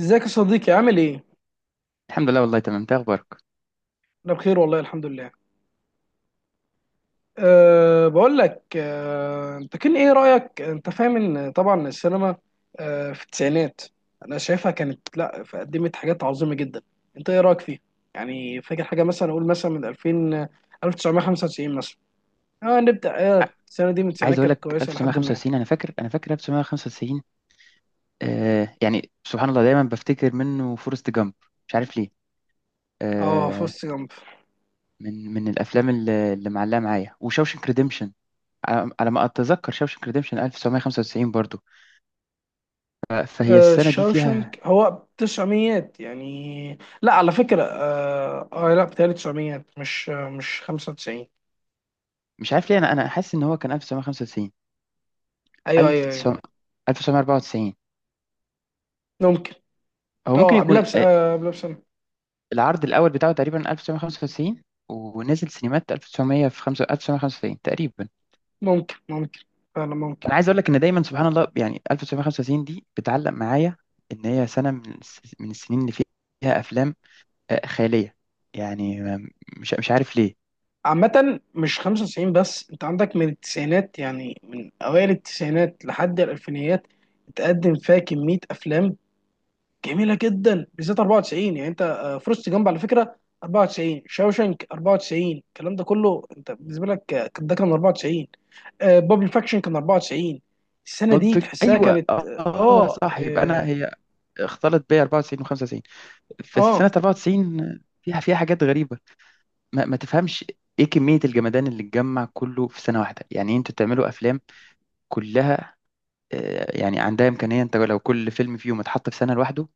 ازيك يا صديقي عامل ايه؟ الحمد لله، والله تمام، انت إيه اخبارك؟ انا بخير والله الحمد لله. بقول لك، انت كان ايه رأيك؟ انت فاهم ان طبعا السينما في التسعينات انا شايفها كانت لا، قدمت حاجات عظيمة جدا. انت ايه رأيك فيها؟ يعني فاكر حاجة مثلا، اقول مثلا من 2000، آه، 1995 مثلا. اه نبدأ ع- السنة دي من التسعينات عايز اقول كانت لك كويسة لحد ما. 1995، انا فاكر 1995. يعني سبحان الله دايما بفتكر منه فورست جامب، مش عارف ليه. اه، آه. فورست جامب. من الافلام اللي معلقه معايا وشاوشنك ريديمشن، على ما اتذكر شاوشنك ريديمشن 1995 برضو. فهي السنه دي فيها. شاوشنك هو تسعميات يعني، لا، على فكرة، لا، بتهيألي تسعميات، مش مش 95. مش عارف ليه، انا حاسس ان هو كان 1995، ايوه، ايوه، ايوه، 1900، 1994. ممكن. هو ممكن اه قبلها، يكون بس آه، قبلها بسنه. العرض الاول بتاعه تقريبا 1995، ونزل سينمات 1900 في 1995 تقريبا. ممكن ممكن، فعلا ممكن. انا عايز اقول لك ان دايما سبحان الله، يعني 1995 دي بتعلق معايا، ان هي سنه من السنين اللي فيها افلام خياليه. يعني مش عارف ليه. عامة مش 95، بس انت عندك من التسعينات، يعني من اوائل التسعينات لحد الالفينيات اتقدم فيها كمية افلام جميلة جدا، بالذات 94. يعني انت، فورست جامب على فكرة 94، شاوشانك 94، الكلام ده كله انت بالنسبة لك، ده كان 94، بابل فاكشن كان 94. السنة بالب دي فيكشن، تحسها ايوه. كانت. اه، اه، صح. يبقى انا اه، هي اختلط بيا 94 و95. بس آه. سنه 94 فيها حاجات غريبه، ما تفهمش. ايه كميه الجمدان اللي اتجمع كله في سنه واحده؟ يعني إيه انتوا تعملوا افلام كلها. يعني عندها امكانيه، انت لو كل فيلم فيهم اتحط في سنه لوحده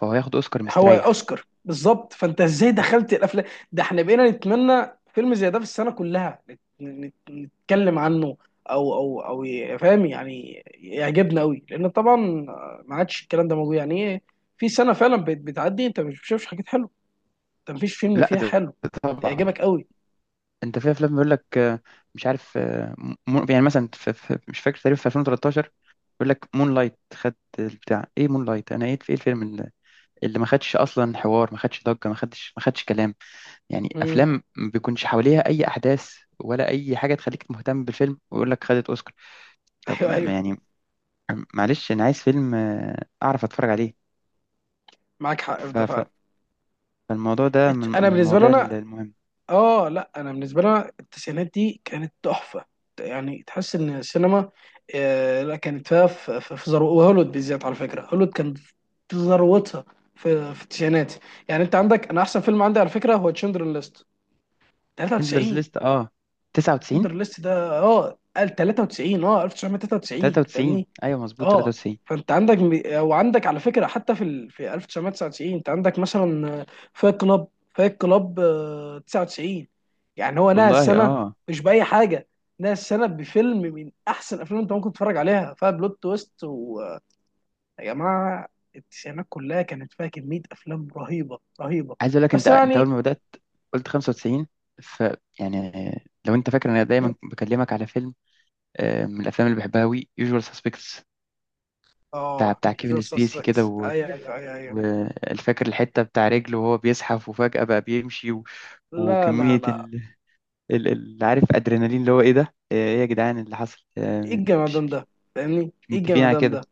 فهو هياخد اوسكار هو مستريح. اوسكار بالظبط. فانت ازاي دخلت الافلام؟ ده احنا بقينا نتمنى فيلم زي ده في السنه كلها نتكلم عنه، او او فاهم يعني، يعجبنا قوي، لان طبعا ما عادش الكلام ده موجود. يعني ايه؟ في سنه فعلا بتعدي انت مش بتشوفش حاجات حلوه، انت مفيش فيلم لا، فيها ده حلو ده طبعا. يعجبك قوي. انت في افلام بيقول لك مش عارف. يعني مثلا مش فاكر تقريبا في 2013، بيقول لك مون لايت، خد بتاع ايه مون لايت، انا ايه في ايه الفيلم اللي ما خدش اصلا حوار، ما خدش ضجه، ما خدش كلام. يعني امم. افلام ما بيكونش حواليها اي احداث ولا اي حاجه تخليك مهتم بالفيلم، ويقول لك خدت اوسكار. طب ايوه، ما ايوه، يعني، معلش، انا عايز فيلم اعرف اتفرج عليه. معاك حق في ف- ده ف- فعلا. فالموضوع ده من انا من بالنسبه لي المواضيع انا، المهمه. اه لا، انا بالنسبه لنا التسعينات دي كانت تحفه. يعني تحس ان السينما، لا، كانت فيها في ذروه. وهوليوود بالذات على فكره، هوليوود كان في ذروتها في التسعينات. يعني انت عندك، انا احسن فيلم عندي على فكره هو تشندر ليست سندلرز 93. ليست، اه. تندر 99، ليست ده، قال 93، 1993، 93، فاهمني. ايوه، مظبوط اه 93. فانت عندك، وعندك على فكره حتى في في 1999 انت عندك مثلا فايت كلاب. فايت كلاب 99، يعني هو نهى والله السنه اه. مش باي حاجه، نهى السنه بفيلم من احسن الافلام انت ممكن تتفرج عليها، فيها بلوت تويست، ويا جماعه التسعينات كلها كانت فيها كميه افلام رهيبه رهيبه. عايز اقول لك، انت بس انت اول يعني، ما بدات قلت 95، ف يعني، لو انت فاكر، انا دايما بكلمك على فيلم من الافلام اللي بحبها قوي، يوجوال سسبكتس، بتاع اه بتاع جور كيفن سبيسي كده سسبكس، و- ايوه، ايوه، ايوه، والفاكر الحته بتاع رجله وهو بيزحف وفجاه بقى بيمشي. لا، لا، وكميه لا. عارف، ادرينالين اللي هو ايه ده، ايه يا جدعان اللي حصل ايه آه، الجمدان ده؟ فاهمني، مش ايه متفقين على الجمدان كده؟ ده؟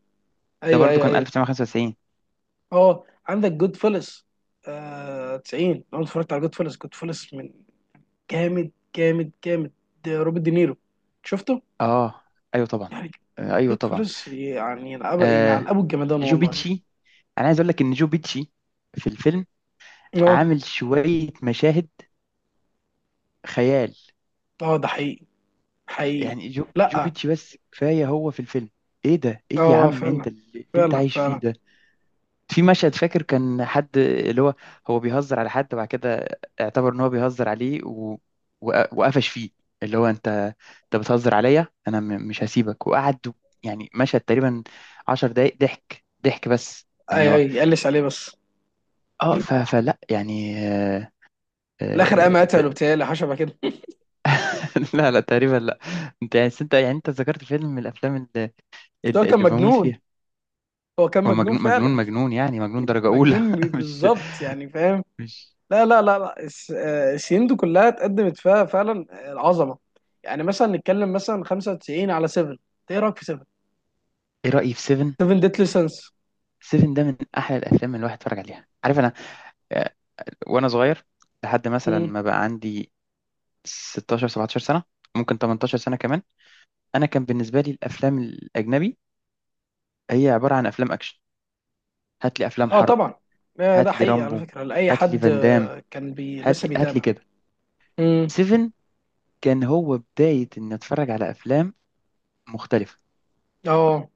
ده ايوه، برضو ايوه، كان ايوه. 1995. اه عندك جود فلس. 90، لو أنا اتفرجت على جود فلس، جود فلس من. جامد جامد جامد. ده روبرت دينيرو، شفته؟ اه، ايوه طبعا. يعني، آه، ايوه جود طبعا فلس يعني، ينعب آه، ينعل ابو الجمدان والله. جوبيتشي. انا عايز اقول لك ان جو بيتشي في الفيلم اه، عامل شويه مشاهد خيال. اه، ده حقيقي، حقيقي. يعني جو لا، بيتشي بس كفايه هو في الفيلم. ايه ده، ايه يا اه، عم انت فعلا اللي انت فعلا عايش فيه فعلا. ده؟ في مشهد فاكر، كان حد اللي هو بيهزر على حد وبعد كده اعتبر ان هو بيهزر عليه. وقفش فيه، اللي هو انت بتهزر عليا انا. مش هسيبك وقعد. يعني مشهد تقريبا عشر دقايق ضحك ضحك، بس يعني اي، هو. اي قلش عليه بس. اه، في فلا يعني. آه، الاخر قام قتله آه. بتهيألي حشبه كده. لا لا تقريبا لا. انت يعني انت يعني انت ذكرت فيلم من الافلام اللي, بس هو اللي كان اللي بموت مجنون. فيها. هو كان هو مجنون مجنون مجنون فعلا. مجنون يعني مجنون درجة أولى. مجنون مش بالظبط، يعني فاهم. مش. لا، لا، لا، لا، السنين دي كلها اتقدمت فيها فعلا العظمه. يعني مثلا نتكلم مثلا 95 على 7. ايه رايك في 7؟ ايه رأيي في سيفن؟ 7 ديتلي سنس. سيفن ده من احلى الافلام اللي الواحد اتفرج عليها، عارف، انا آه، وانا صغير، لحد مثلا ما بقى عندي 16، 17 سنة، ممكن 18 سنة كمان. انا كان بالنسبة لي الافلام الاجنبي هي عبارة عن افلام اكشن، هات لي افلام اه، حرب، طبعا، ده هات لي حقيقي، على رامبو، فكره، لاي هات لي حد فان دام، كان بي هات لسه لي هات لي بيتابع. كده. مم. سيفن كان هو بداية إن أتفرج على أفلام مختلفة. اه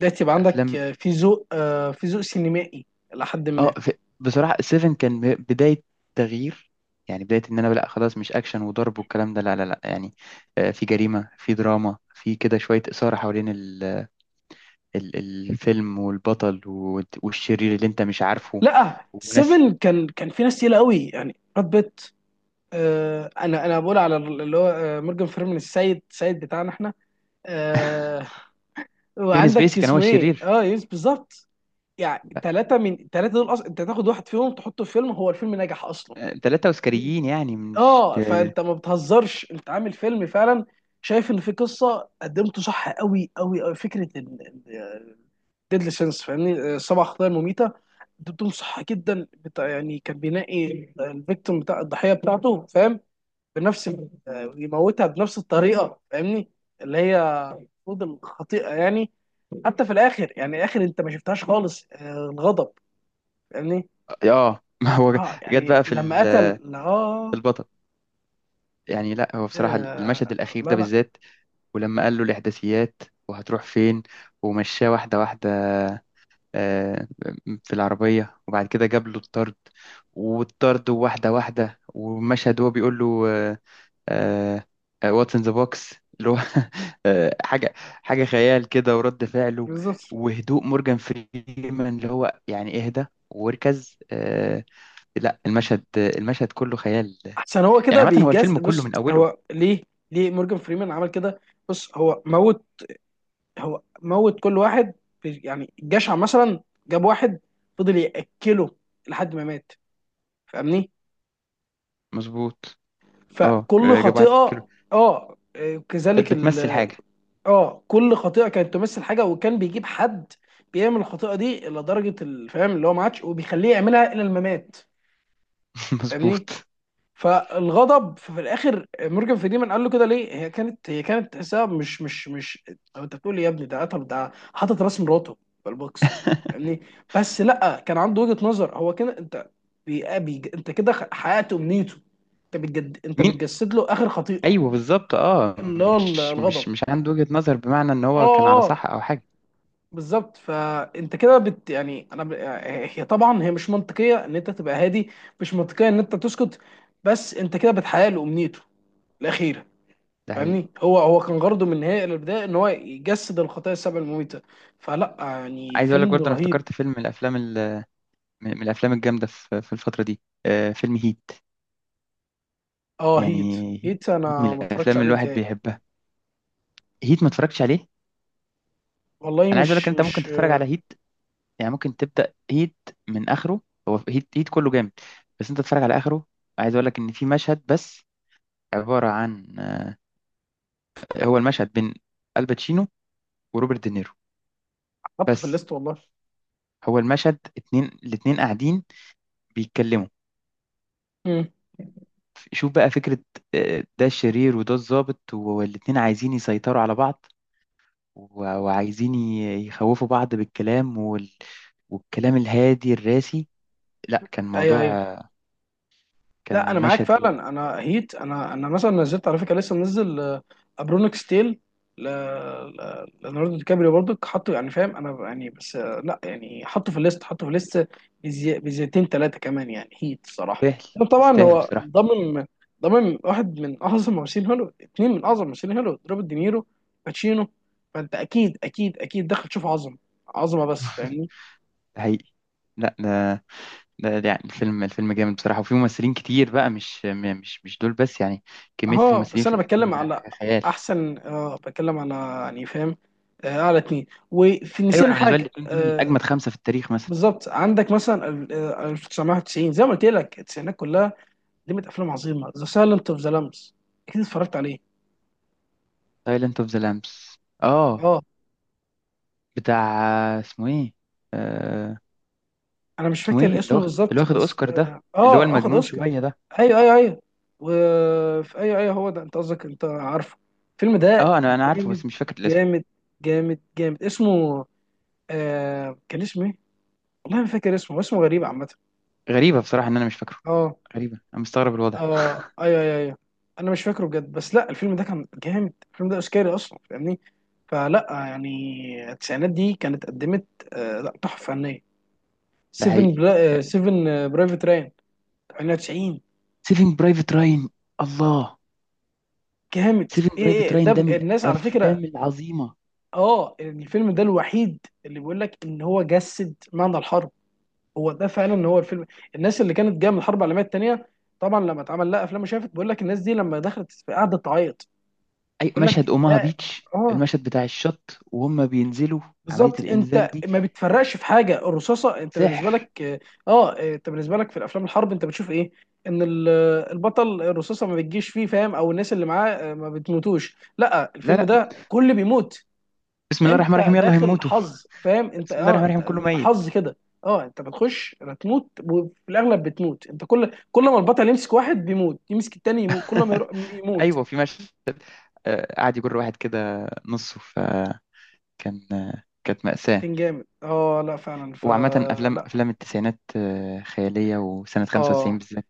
ده تبقى عندك، أفلام في ذوق، في ذوق سينمائي الى حد ما. اه بصراحة، سيفن كان بداية تغيير، يعني بداية إن أنا لأ خلاص، مش أكشن وضرب والكلام ده، لا لا لا، يعني. في جريمة، في دراما، في كده شوية إثارة حوالين ال... الفيلم والبطل والشرير اللي أنت مش عارفه، لا، وناس. 7 كان في ناس تقيله قوي، يعني براد بيت. انا بقول على اللي هو مورجان فريمان، السيد السيد بتاعنا احنا. آه، كيفن وعندك سبيسي كان هو اسمه ايه، الشرير. يس، بالظبط. يعني ثلاثه، من ثلاثه دول اصلا انت تاخد واحد فيهم تحطه في فيلم هو الفيلم نجح اصلا. ثلاثة أوسكاريين يعني مش اه آه فانت ما بتهزرش، انت عامل فيلم فعلا، شايف ان في قصه قدمته صح قوي قوي قوي. فكره ديدلي سينس، فاهمني، سبع خطايا المميته، قدمتهم صح جدا. بتاع يعني كان بينقي الفيكتوم، بتاع الضحيه بتاعته، فاهم. بنفس آه، يموتها بنفس الطريقه، فاهمني؟ اللي هي المفروض الخطيئه يعني. حتى في الاخر، يعني اخر انت ما شفتهاش خالص، الغضب، فاهمني. ما هو اه جت يعني بقى لما قتل، في البطل. يعني لا، هو بصراحة آه، المشهد الأخير لا، ده لا، بالذات، ولما قال له الإحداثيات وهتروح فين ومشاه واحدة واحدة آه، في العربية وبعد كده جاب له الطرد، والطرد واحدة واحدة، ومشهد هو بيقول له واتس ان ذا بوكس، اللي هو آه، حاجة حاجة خيال كده، ورد فعله بالظبط. وهدوء مورجان فريمان، اللي هو يعني اهدى واركز، لا، المشهد كله خيال. احسن هو يعني كده عامة هو بيجاز. الفيلم كله بص من أوله. هو ليه، مورجان فريمان عمل كده؟ بص، هو موت كل واحد. يعني الجشع مثلا جاب واحد فضل ياكله لحد ما مات، فاهمني. مظبوط. اه، فكل جاب خطيئه، واحد كيلو، كانت كذلك. بتمثل حاجة. اه كل خطيئه كانت تمثل حاجه، وكان بيجيب حد بيعمل الخطيئه دي الى درجه الفهم اللي هو ما عادش، وبيخليه يعملها الى الممات، فاهمني. مظبوط. فالغضب في الاخر مورجان فريمان قال له كده ليه، هي كانت، تحسها مش مش. هو انت بتقول إيه يا ابني، ده قتل، ده حاطط راس مراته في البوكس، فاهمني. بس لا، كان عنده وجهه نظر. هو كده انت انت كده حققت امنيته. انت مين؟ بتجسد له اخر خطيئه ايوه بالظبط، اه، اللي هو مش مش الغضب. مش عنده وجهة نظر بمعنى ان اه، هو كان على اه، صح او حاجه. بالظبط. فانت كده يعني، انا هي طبعا، هي مش منطقيه ان انت تبقى هادي، مش منطقيه ان انت تسكت، بس انت كده بتحقق له امنيته الاخيره، ده حقيقي. فاهمني. هو كان غرضه من النهايه الى البدايه ان هو يجسد الخطايا السبع المميته. فلا يعني، عايز اقول لك فيلم برضه، انا رهيب. افتكرت فيلم من الافلام من الافلام الجامده في الفتره دي، فيلم هيت. اه هيت. يعني هيت هيت من انا ما اتفرجتش الافلام اللي عليه الواحد بتهيألي. بيحبها. هيت ما اتفرجتش عليه. والله انا عايز اقول لك إن مش انت ممكن مش تتفرج على هيت، يعني ممكن تبدا هيت من اخره. هو هيت كله جامد، بس انت تتفرج على اخره. عايز اقول لك ان في مشهد بس عباره عن. هو المشهد بين الباتشينو وروبرت دينيرو حاطه في بس، الليست والله. هو المشهد اتنين، الاتنين قاعدين بيتكلموا. امم، شوف بقى فكرة، ده الشرير وده الضابط، والاتنين عايزين يسيطروا على بعض، وعايزين يخوفوا بعض بالكلام، والكلام الهادي الراسي، لا، كان ايوه، موضوع ايوه. آه، لا، انا كان معاك مشهد جامد. فعلا. انا هيت، انا مثلا نزلت على فكره، لسه منزل ابرونيك ستيل، ل- ليوناردو دي كابريو برضك، حطه يعني فاهم انا يعني، بس لا يعني، حطه في الليست، حطه في الليست بزيتين ثلاثه كمان يعني. هيت الصراحه يستاهل. طبعا يستاهل هو بصراحة. ضمن. واحد من اعظم ممثلين هوليوود، اثنين من اعظم ممثلين هوليوود، روبرت دينيرو، باتشينو. فانت اكيد اكيد اكيد دخل تشوف عظمه عظمه بس، فاهمني. ده حقيقي. لا، ده يعني الفيلم جامد بصراحة، وفيه ممثلين كتير بقى، مش م- مش مش دول بس، يعني كمية اه الممثلين بس في انا الفيلم بتكلم على حاجة خيال. احسن، بتكلم على يعني فاهم، على اتنين. وفي أيوة، نسينا أنا بالنسبة لي حاجه الاتنين دول من آه أجمد خمسة في التاريخ مثلا. بالظبط عندك مثلا 1990، زي ما قلت لك، التسعينات كلها قدمت افلام عظيمه. ذا سايلنت اوف ذا لامبس، اكيد اتفرجت عليه. سايلنت اوف ذا لامبس. اه. اه بتاع، اسمه ايه آه انا مش اسمه ايه فاكر اللي اسمه واخد اللي بالظبط، واخد بس اوسكار ده، اللي هو اخد المجنون اوسكار. شويه ده؟ ايوه، ايوه، ايوه، وفي، ايوه، ايوه، هو ده انت قصدك، انت عارفه الفيلم ده. اه، انا عارفه جامد، بس مش فاكر الاسم. جامد، جامد، جامد، اسمه، كان اسمه ايه؟ والله ما فاكر اسمه، اسمه غريب عامة. غريبه بصراحه ان انا مش فاكره. اه، غريبه، انا مستغرب الوضع. اه، ايوه، ايوه، ايوه. انا مش فاكره بجد، بس لا، الفيلم ده كان جامد، الفيلم ده اوسكاري اصلا، فاهمني. فلا يعني، التسعينات دي كانت قدمت، لا، تحفة فنية. ده سيفن، حقيقي. بلا... آه، سيفن، برايفت راين 98، سيفنج برايفت راين. الله. جامد. سيفنج برايفت ايه ده، راين ده من الناس على فكرة. الافلام العظيمه. اه الفيلم ده الوحيد اللي بيقول لك ان هو جسد معنى الحرب. هو ده فعلا هو الفيلم. الناس اللي كانت جايه من الحرب العالميه الثانيه، طبعا لما اتعمل لها افلام وشافت، بيقول لك الناس دي لما دخلت في قعدت تعيط. اي بقول مشهد، لك اوماها ده. بيتش، اه المشهد بتاع الشط وهم بينزلوا، عمليه بالظبط، الانزال انت دي ما بتفرقش في حاجه الرصاصه، انت بالنسبه سحر. لك، انت بالنسبه لك في الافلام الحرب انت بتشوف ايه؟ ان البطل الرصاصه ما بتجيش فيه، فاهم، او الناس اللي معاه ما بتموتوش. لا، لا الفيلم لا. ده كل بيموت. بسم الله الرحمن انت الرحيم، يلا داخل هنموتوا. حظ، فاهم انت، بسم الله الرحمن انت الرحيم، كله ميت. حظ كده. اه انت بتخش هتموت، وفي الاغلب بتموت انت. كل ما البطل يمسك واحد بيموت، يمسك التاني يموت، كل ما يموت. ايوه، في مشهد قعد يجر واحد كده نصه، فكان كانت مأساة. كان جامد. اه لا، فعلا وعامة، أفلام فلا. أفلام التسعينات خيالية، وسنة 95 اه بالذات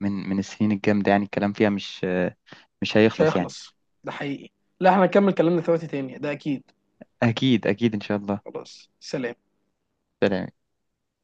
من السنين الجامدة، يعني الكلام فيها مش مش هيخلص يعني. هيخلص، ده حقيقي. لا، احنا هنكمل كلامنا في وقت تاني، ده اكيد. أكيد أكيد إن شاء الله. خلاص، سلام. سلام.